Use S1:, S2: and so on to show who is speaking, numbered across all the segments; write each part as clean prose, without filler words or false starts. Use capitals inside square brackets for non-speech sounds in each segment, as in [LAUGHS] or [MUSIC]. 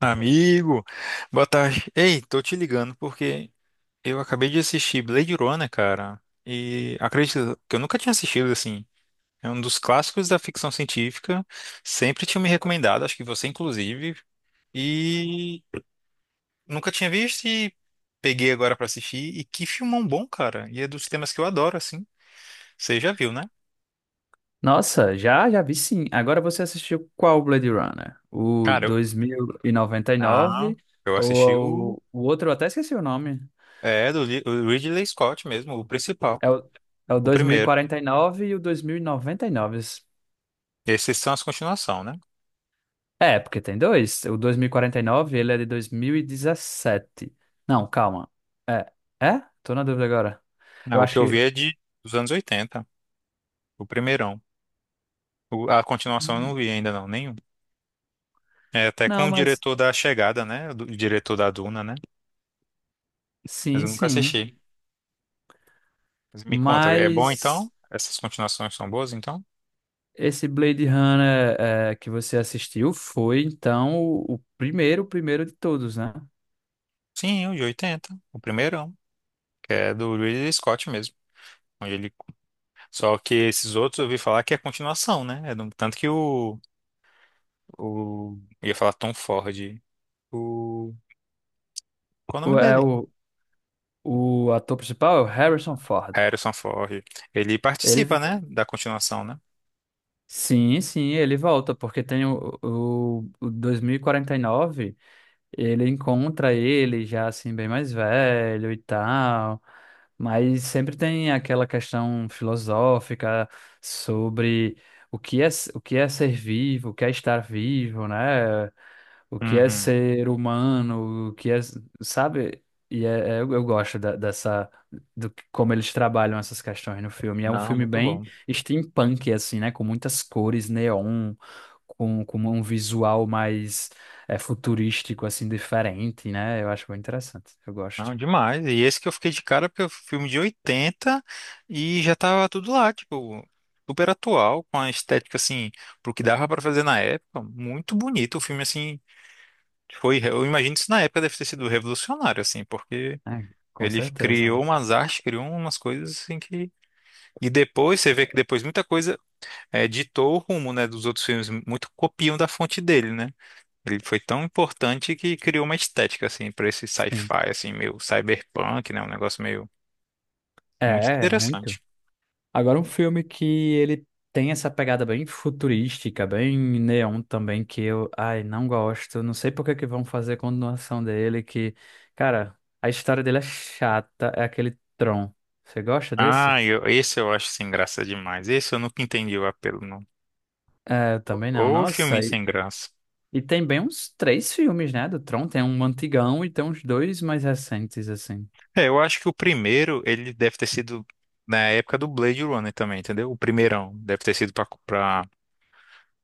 S1: Amigo, boa tarde. Ei, tô te ligando porque eu acabei de assistir Blade Runner, cara. E acredito que eu nunca tinha assistido assim. É um dos clássicos da ficção científica. Sempre tinha me recomendado, acho que você inclusive. E nunca tinha visto e peguei agora pra assistir. E que filmão bom, cara. E é dos temas que eu adoro, assim. Você já viu, né?
S2: Nossa, já vi sim. Agora você assistiu qual Blade Runner? O
S1: Cara, eu...
S2: dois mil e noventa e
S1: Ah,
S2: nove
S1: eu assisti o...
S2: ou o outro, eu até esqueci o nome.
S1: É, o Ridley Scott mesmo, o principal.
S2: É o, é o
S1: O
S2: dois mil e
S1: primeiro.
S2: quarenta e nove e o dois mil e noventa e nove?
S1: Esses são as continuações, né?
S2: É, porque tem dois. O dois mil e quarenta e nove ele é de 2017. Não, calma. É, é? Tô na dúvida agora. Eu
S1: Não, o que
S2: acho
S1: eu vi
S2: que...
S1: é de dos anos 80, o primeirão. A continuação eu não vi ainda não, nenhum. É até com
S2: Não,
S1: o
S2: mas...
S1: diretor da Chegada, né? O diretor da Duna, né? Mas
S2: Sim,
S1: eu nunca
S2: sim.
S1: assisti. Mas me conta, é bom
S2: Mas...
S1: então? Essas continuações são boas então?
S2: Esse Blade Runner é, que você assistiu foi, então, o primeiro, o primeiro de todos, né?
S1: Sim, o de 80, o primeirão, que é do Ridley Scott mesmo. Onde ele-. Só que esses outros eu ouvi falar que é continuação, né? Tanto que eu ia falar Tom Ford. O... Qual é o
S2: O,
S1: nome
S2: é,
S1: dele?
S2: o, o ator principal é o Harrison Ford.
S1: Harrison Ford. Ele participa,
S2: Ele,
S1: né? Da continuação, né?
S2: sim, sim, ele volta, porque tem o 2049. Ele encontra ele já assim bem mais velho e tal, mas sempre tem aquela questão filosófica sobre o que é o que é ser vivo, o que é estar vivo, né? O que é
S1: Uhum.
S2: ser humano, o que é, sabe? E eu gosto dessa como eles trabalham essas questões no filme. É um
S1: Não,
S2: filme
S1: muito
S2: bem
S1: bom.
S2: steampunk assim, né? Com muitas cores neon, com um visual mais futurístico, assim, diferente, né? Eu acho bem interessante. Eu
S1: Não,
S2: gosto.
S1: demais. E esse que eu fiquei de cara, porque é um filme de 80 e já tava tudo lá, tipo, super atual, com a estética, assim, pro que dava pra fazer na época. Muito bonito o filme, assim. Foi, eu imagino que isso na época deve ter sido revolucionário, assim, porque
S2: É, com
S1: ele criou
S2: certeza.
S1: umas artes, criou umas coisas, assim, que. E depois, você vê que depois muita coisa ditou o rumo, né, dos outros filmes, muito copiam da fonte dele, né? Ele foi tão importante que criou uma estética, assim, para esse
S2: Sim.
S1: sci-fi, assim, meio cyberpunk, né? Um negócio meio muito
S2: É, muito.
S1: interessante.
S2: Agora, um filme que ele tem essa pegada bem futurística, bem neon também, que eu, ai, não gosto. Não sei por que que vão fazer continuação dele, que, cara, a história dele é chata, é aquele Tron. Você gosta desse?
S1: Ah, esse eu acho sem graça demais. Esse eu nunca entendi o apelo, não.
S2: É, eu também não.
S1: Ô, filme
S2: Nossa, e,
S1: sem graça.
S2: e tem bem uns três filmes, né, do Tron. Tem um antigão e tem uns dois mais recentes, assim.
S1: É, eu acho que o primeiro, ele deve ter sido na época do Blade Runner também, entendeu? O primeirão deve ter sido pra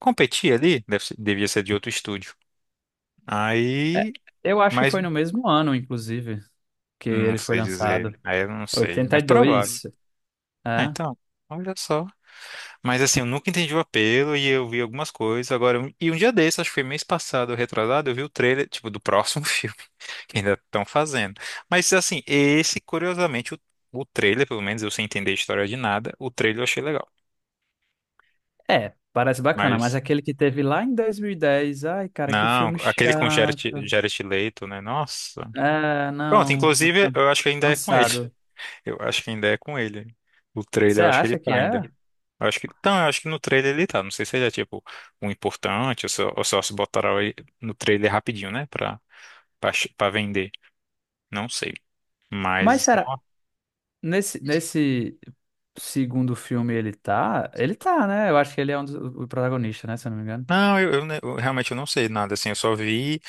S1: competir ali, devia ser de outro estúdio.
S2: É,
S1: Aí,
S2: eu acho que
S1: mas
S2: foi no mesmo ano, inclusive, que
S1: não
S2: ele foi
S1: sei dizer.
S2: lançado.
S1: Aí eu não sei, mas provável.
S2: 82.
S1: Ah,
S2: É,
S1: então, olha só. Mas assim, eu nunca entendi o apelo e eu vi algumas coisas. Agora, e um dia desse, acho que foi mês passado, ou retrasado, eu vi o trailer, [LAUGHS] tipo, do próximo [LAUGHS] filme que ainda estão fazendo. Mas assim, esse, curiosamente, o trailer, pelo menos eu sem entender a história de nada, o trailer eu achei legal.
S2: parece bacana, mas
S1: Mas
S2: aquele que teve lá em 2010. Ai, cara, que
S1: não,
S2: filme
S1: aquele com
S2: chato.
S1: Jared Leto, né? Nossa.
S2: É,
S1: Pronto,
S2: não,
S1: inclusive,
S2: can-
S1: eu acho que ainda é com ele. [LAUGHS]
S2: cansado.
S1: Eu acho que ainda é com ele. O
S2: Você
S1: trailer, eu acho que ele
S2: acha que
S1: tá ainda.
S2: é?
S1: Eu acho que, então, eu acho que no trailer ele tá. Não sei se ele é tipo um importante ou só, se botaram ele no trailer rapidinho, né? Pra vender. Não sei.
S2: Mas
S1: Mas,
S2: será,
S1: no-.
S2: nesse segundo filme ele tá? Ele tá, né? Eu acho que ele é um dos, o protagonista, né? Se eu não me engano.
S1: Não, eu, eu ne- eu realmente eu não sei nada, assim. Eu só vi,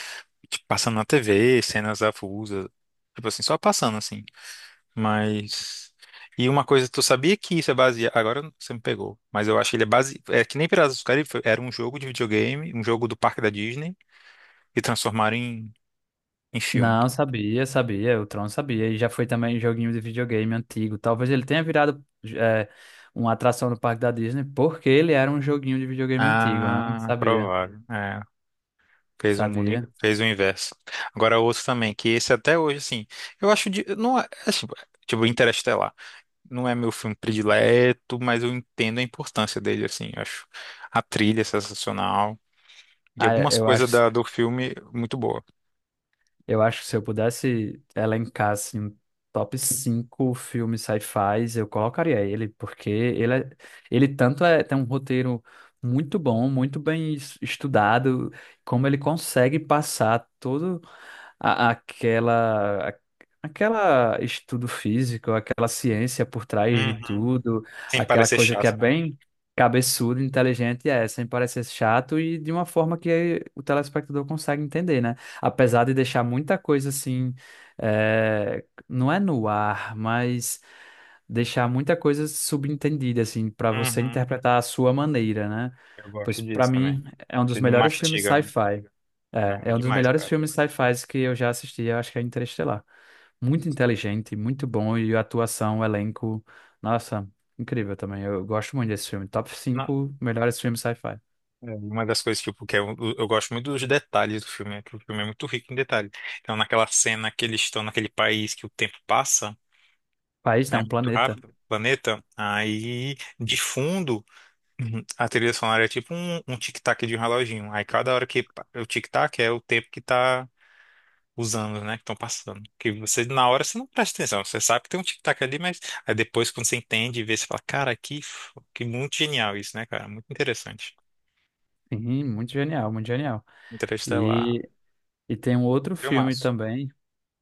S1: tipo, passando na TV, cenas avulsas. Tipo assim, só passando, assim. Mas. E uma coisa, tu sabia que isso é baseado. Agora você me pegou. Mas eu acho que ele é base. É que nem Piratas do Caribe era um jogo de videogame, um jogo do parque da Disney, e transformaram em filme.
S2: Não, sabia, sabia, o Tron sabia, e já foi também joguinho de videogame antigo. Talvez ele tenha virado é, uma atração no parque da Disney, porque ele era um joguinho de videogame antigo, né?
S1: Ah,
S2: Sabia,
S1: provável. É, fez um mundo,
S2: sabia.
S1: fez o inverso. Agora outro também, que esse até hoje, assim, eu acho de, não é, é tipo Interestelar. Não é meu filme predileto, mas eu entendo a importância dele, assim, eu acho a trilha é sensacional e
S2: Ah, eu
S1: algumas
S2: eu
S1: coisas
S2: acho,
S1: da, do filme muito boa.
S2: eu acho que se eu pudesse elencar assim, um top 5 filmes sci-fi, eu colocaria ele, porque ele, ele tanto é, tem um roteiro muito bom, muito bem estudado, como ele consegue passar todo. Aquela aquela estudo físico, aquela ciência por trás de
S1: Uhum.
S2: tudo,
S1: Sem
S2: aquela
S1: parecer
S2: coisa que é
S1: chato, né?
S2: bem cabeçuda, inteligente, é, sem parecer chato e de uma forma que o telespectador consegue entender, né? Apesar de deixar muita coisa assim, é, não é no ar, mas deixar muita coisa subentendida assim para você
S1: Uhum.
S2: interpretar a sua maneira, né?
S1: Eu gosto
S2: Pois para
S1: disso também.
S2: mim é um dos
S1: Ele não
S2: melhores filmes
S1: mastiga, né?
S2: sci-fi.
S1: Não,
S2: É,
S1: é
S2: é um dos
S1: demais,
S2: melhores
S1: cara.
S2: filmes sci-fi que eu já assisti, eu acho que é Interestelar. Muito inteligente, muito bom, e a atuação, o elenco, nossa, incrível também. Eu gosto muito desse filme. Top 5 melhores filmes sci-fi.
S1: É, uma das coisas, tipo, que eu gosto muito dos detalhes do filme, né? Que o filme é muito rico em detalhes. Então, naquela cena que eles estão naquele país que o tempo passa,
S2: País,
S1: né?
S2: não,
S1: Muito
S2: planeta.
S1: rápido, planeta, aí de fundo uhum, a trilha sonora é tipo um tic-tac de um reloginho. Aí cada hora o tic-tac é o tempo que tá usando, né? Que estão passando. Que você, na hora, você não presta atenção. Você sabe que tem um tic-tac ali, mas aí depois, quando você entende e vê, você fala, cara, que muito genial isso, né, cara? Muito interessante.
S2: Sim, muito genial, muito genial.
S1: Interestelar.
S2: E, e tem um outro filme
S1: Filmaço.
S2: também.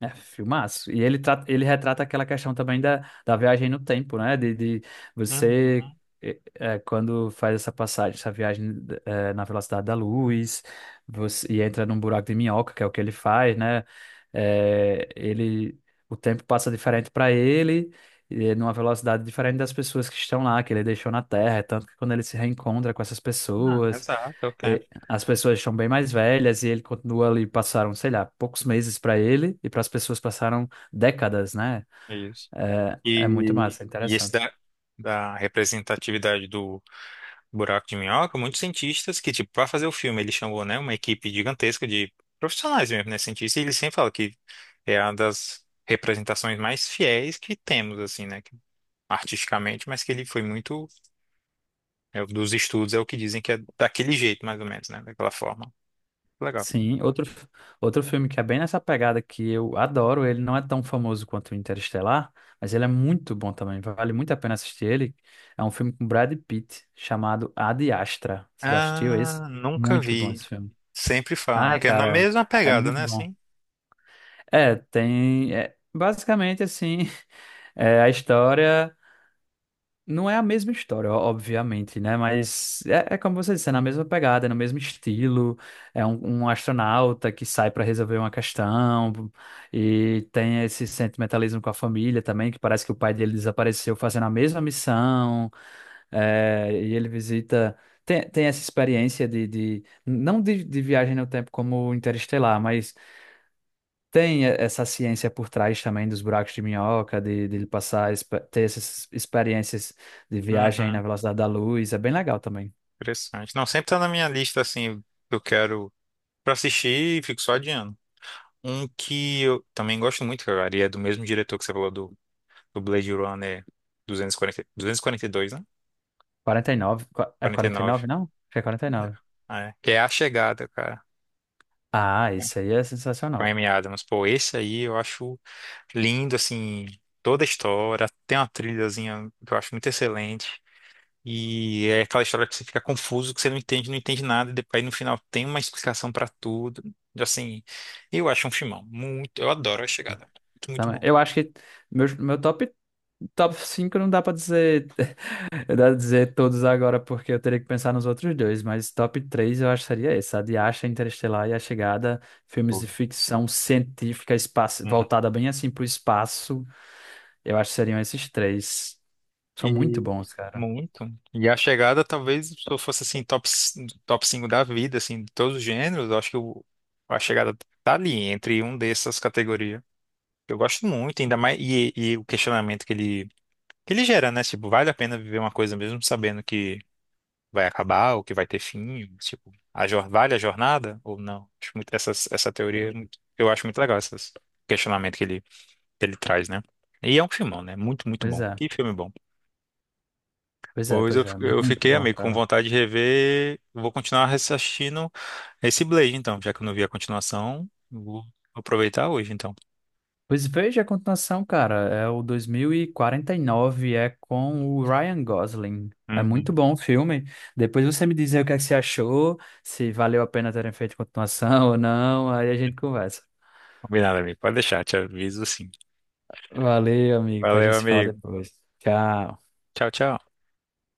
S2: É, filmaço. E ele, ele retrata aquela questão também da viagem no tempo, né? De você,
S1: Uhum.
S2: quando faz essa passagem, essa viagem na velocidade da luz, você, e entra num buraco de minhoca, que é o que ele faz, né? Ele, o tempo passa diferente para ele, e é numa velocidade diferente das pessoas que estão lá, que ele deixou na Terra. É tanto que quando ele se reencontra com essas
S1: Ah,
S2: pessoas.
S1: exato, é o tempo.
S2: E as pessoas estão bem mais velhas e ele continua ali, passaram, sei lá, poucos meses para ele e para as pessoas passaram décadas, né?
S1: É isso.
S2: É, é muito
S1: E,
S2: massa, é
S1: e esse
S2: interessante.
S1: da, representatividade do buraco de minhoca, muitos cientistas que, tipo, para fazer o filme, ele chamou, né, uma equipe gigantesca de profissionais mesmo, né, cientistas, e ele sempre fala que é uma das representações mais fiéis que temos, assim, né, artisticamente, mas que ele foi muito, dos estudos, é o que dizem que é daquele jeito, mais ou menos, né, daquela forma. Legal.
S2: Sim, outro, outro filme que é bem nessa pegada que eu adoro, ele não é tão famoso quanto o Interestelar, mas ele é muito bom também, vale muito a pena assistir ele. É um filme com Brad Pitt chamado Ad Astra. Você já assistiu esse?
S1: Ah, nunca
S2: Muito bom
S1: vi.
S2: esse filme.
S1: Sempre falam,
S2: Ai,
S1: que é na
S2: cara,
S1: mesma
S2: é
S1: pegada,
S2: muito
S1: né,
S2: bom.
S1: assim?
S2: É, tem. É, basicamente, assim, é, a história não é a mesma história, ó, obviamente, né? Mas é como você disse, é na mesma pegada, é no mesmo estilo. É um astronauta que sai para resolver uma questão e tem esse sentimentalismo com a família também, que parece que o pai dele desapareceu fazendo a mesma missão. É, e ele visita. Tem essa experiência de não de viagem no tempo como Interestelar, mas tem essa ciência por trás também dos buracos de minhoca, de ele passar, ter essas experiências de viagem na
S1: Uhum.
S2: velocidade da luz, é bem legal também.
S1: Interessante. Não, sempre tá na minha lista, assim, que eu quero pra assistir e fico só adiando. Um que eu também gosto muito, cara, e é do mesmo diretor que você falou do, Blade Runner 240, 242, né?
S2: 49, é
S1: 49.
S2: 49, não? Acho que é 49.
S1: É. É. Que é A Chegada, cara.
S2: Ah, isso aí é
S1: Com a
S2: sensacional.
S1: Amy Adams. Pô, esse aí eu acho lindo, assim, toda a história. Tem uma trilhazinha que eu acho muito excelente. E é aquela história que você fica confuso, que você não entende, não entende nada, e depois no final tem uma explicação pra tudo. Assim, eu acho um filmão. Muito, eu adoro a chegada. Muito, muito
S2: Também.
S1: bom.
S2: Eu acho que meu top 5 não dá pra dizer, [LAUGHS] dá pra dizer todos agora, porque eu teria que pensar nos outros dois, mas top 3 eu acho que seria esse, a de Asha, Interestelar e A Chegada, filmes de
S1: Boa.
S2: ficção científica, espaço,
S1: Uhum.
S2: voltada bem assim pro espaço. Eu acho que seriam esses três. São muito
S1: E
S2: bons, cara.
S1: muito. E a chegada, talvez, se eu fosse assim, top 5 da vida, assim, de todos os gêneros, eu acho que a chegada tá ali, entre um dessas categorias. Eu gosto muito, ainda mais, e o questionamento que ele, gera, né? Tipo, vale a pena viver uma coisa mesmo sabendo vai acabar ou que vai ter fim, tipo, vale a jornada ou não? Acho muito essa teoria, eu acho muito legal esses questionamento que ele, traz, né? E é um filmão, né? Muito, muito
S2: Pois
S1: bom.
S2: é,
S1: Que filme bom.
S2: pois é,
S1: Pois eu,
S2: pois é.
S1: eu
S2: Muito
S1: fiquei,
S2: bom,
S1: amigo, com
S2: cara.
S1: vontade de rever. Vou continuar assistindo esse Blade, então, já que eu não vi a continuação, vou aproveitar hoje, então.
S2: Pois veja a continuação, cara. É o dois mil e quarenta e nove é com o Ryan Gosling. É
S1: Uhum.
S2: muito bom o filme. Depois você me diz aí o que é que você achou, se valeu a pena terem feito continuação ou não. Aí a gente conversa.
S1: Combinado, amigo. Pode deixar, te aviso sim.
S2: Valeu, amigo. Pra
S1: Valeu,
S2: gente se falar
S1: amigo.
S2: depois. Tchau.
S1: Tchau, tchau.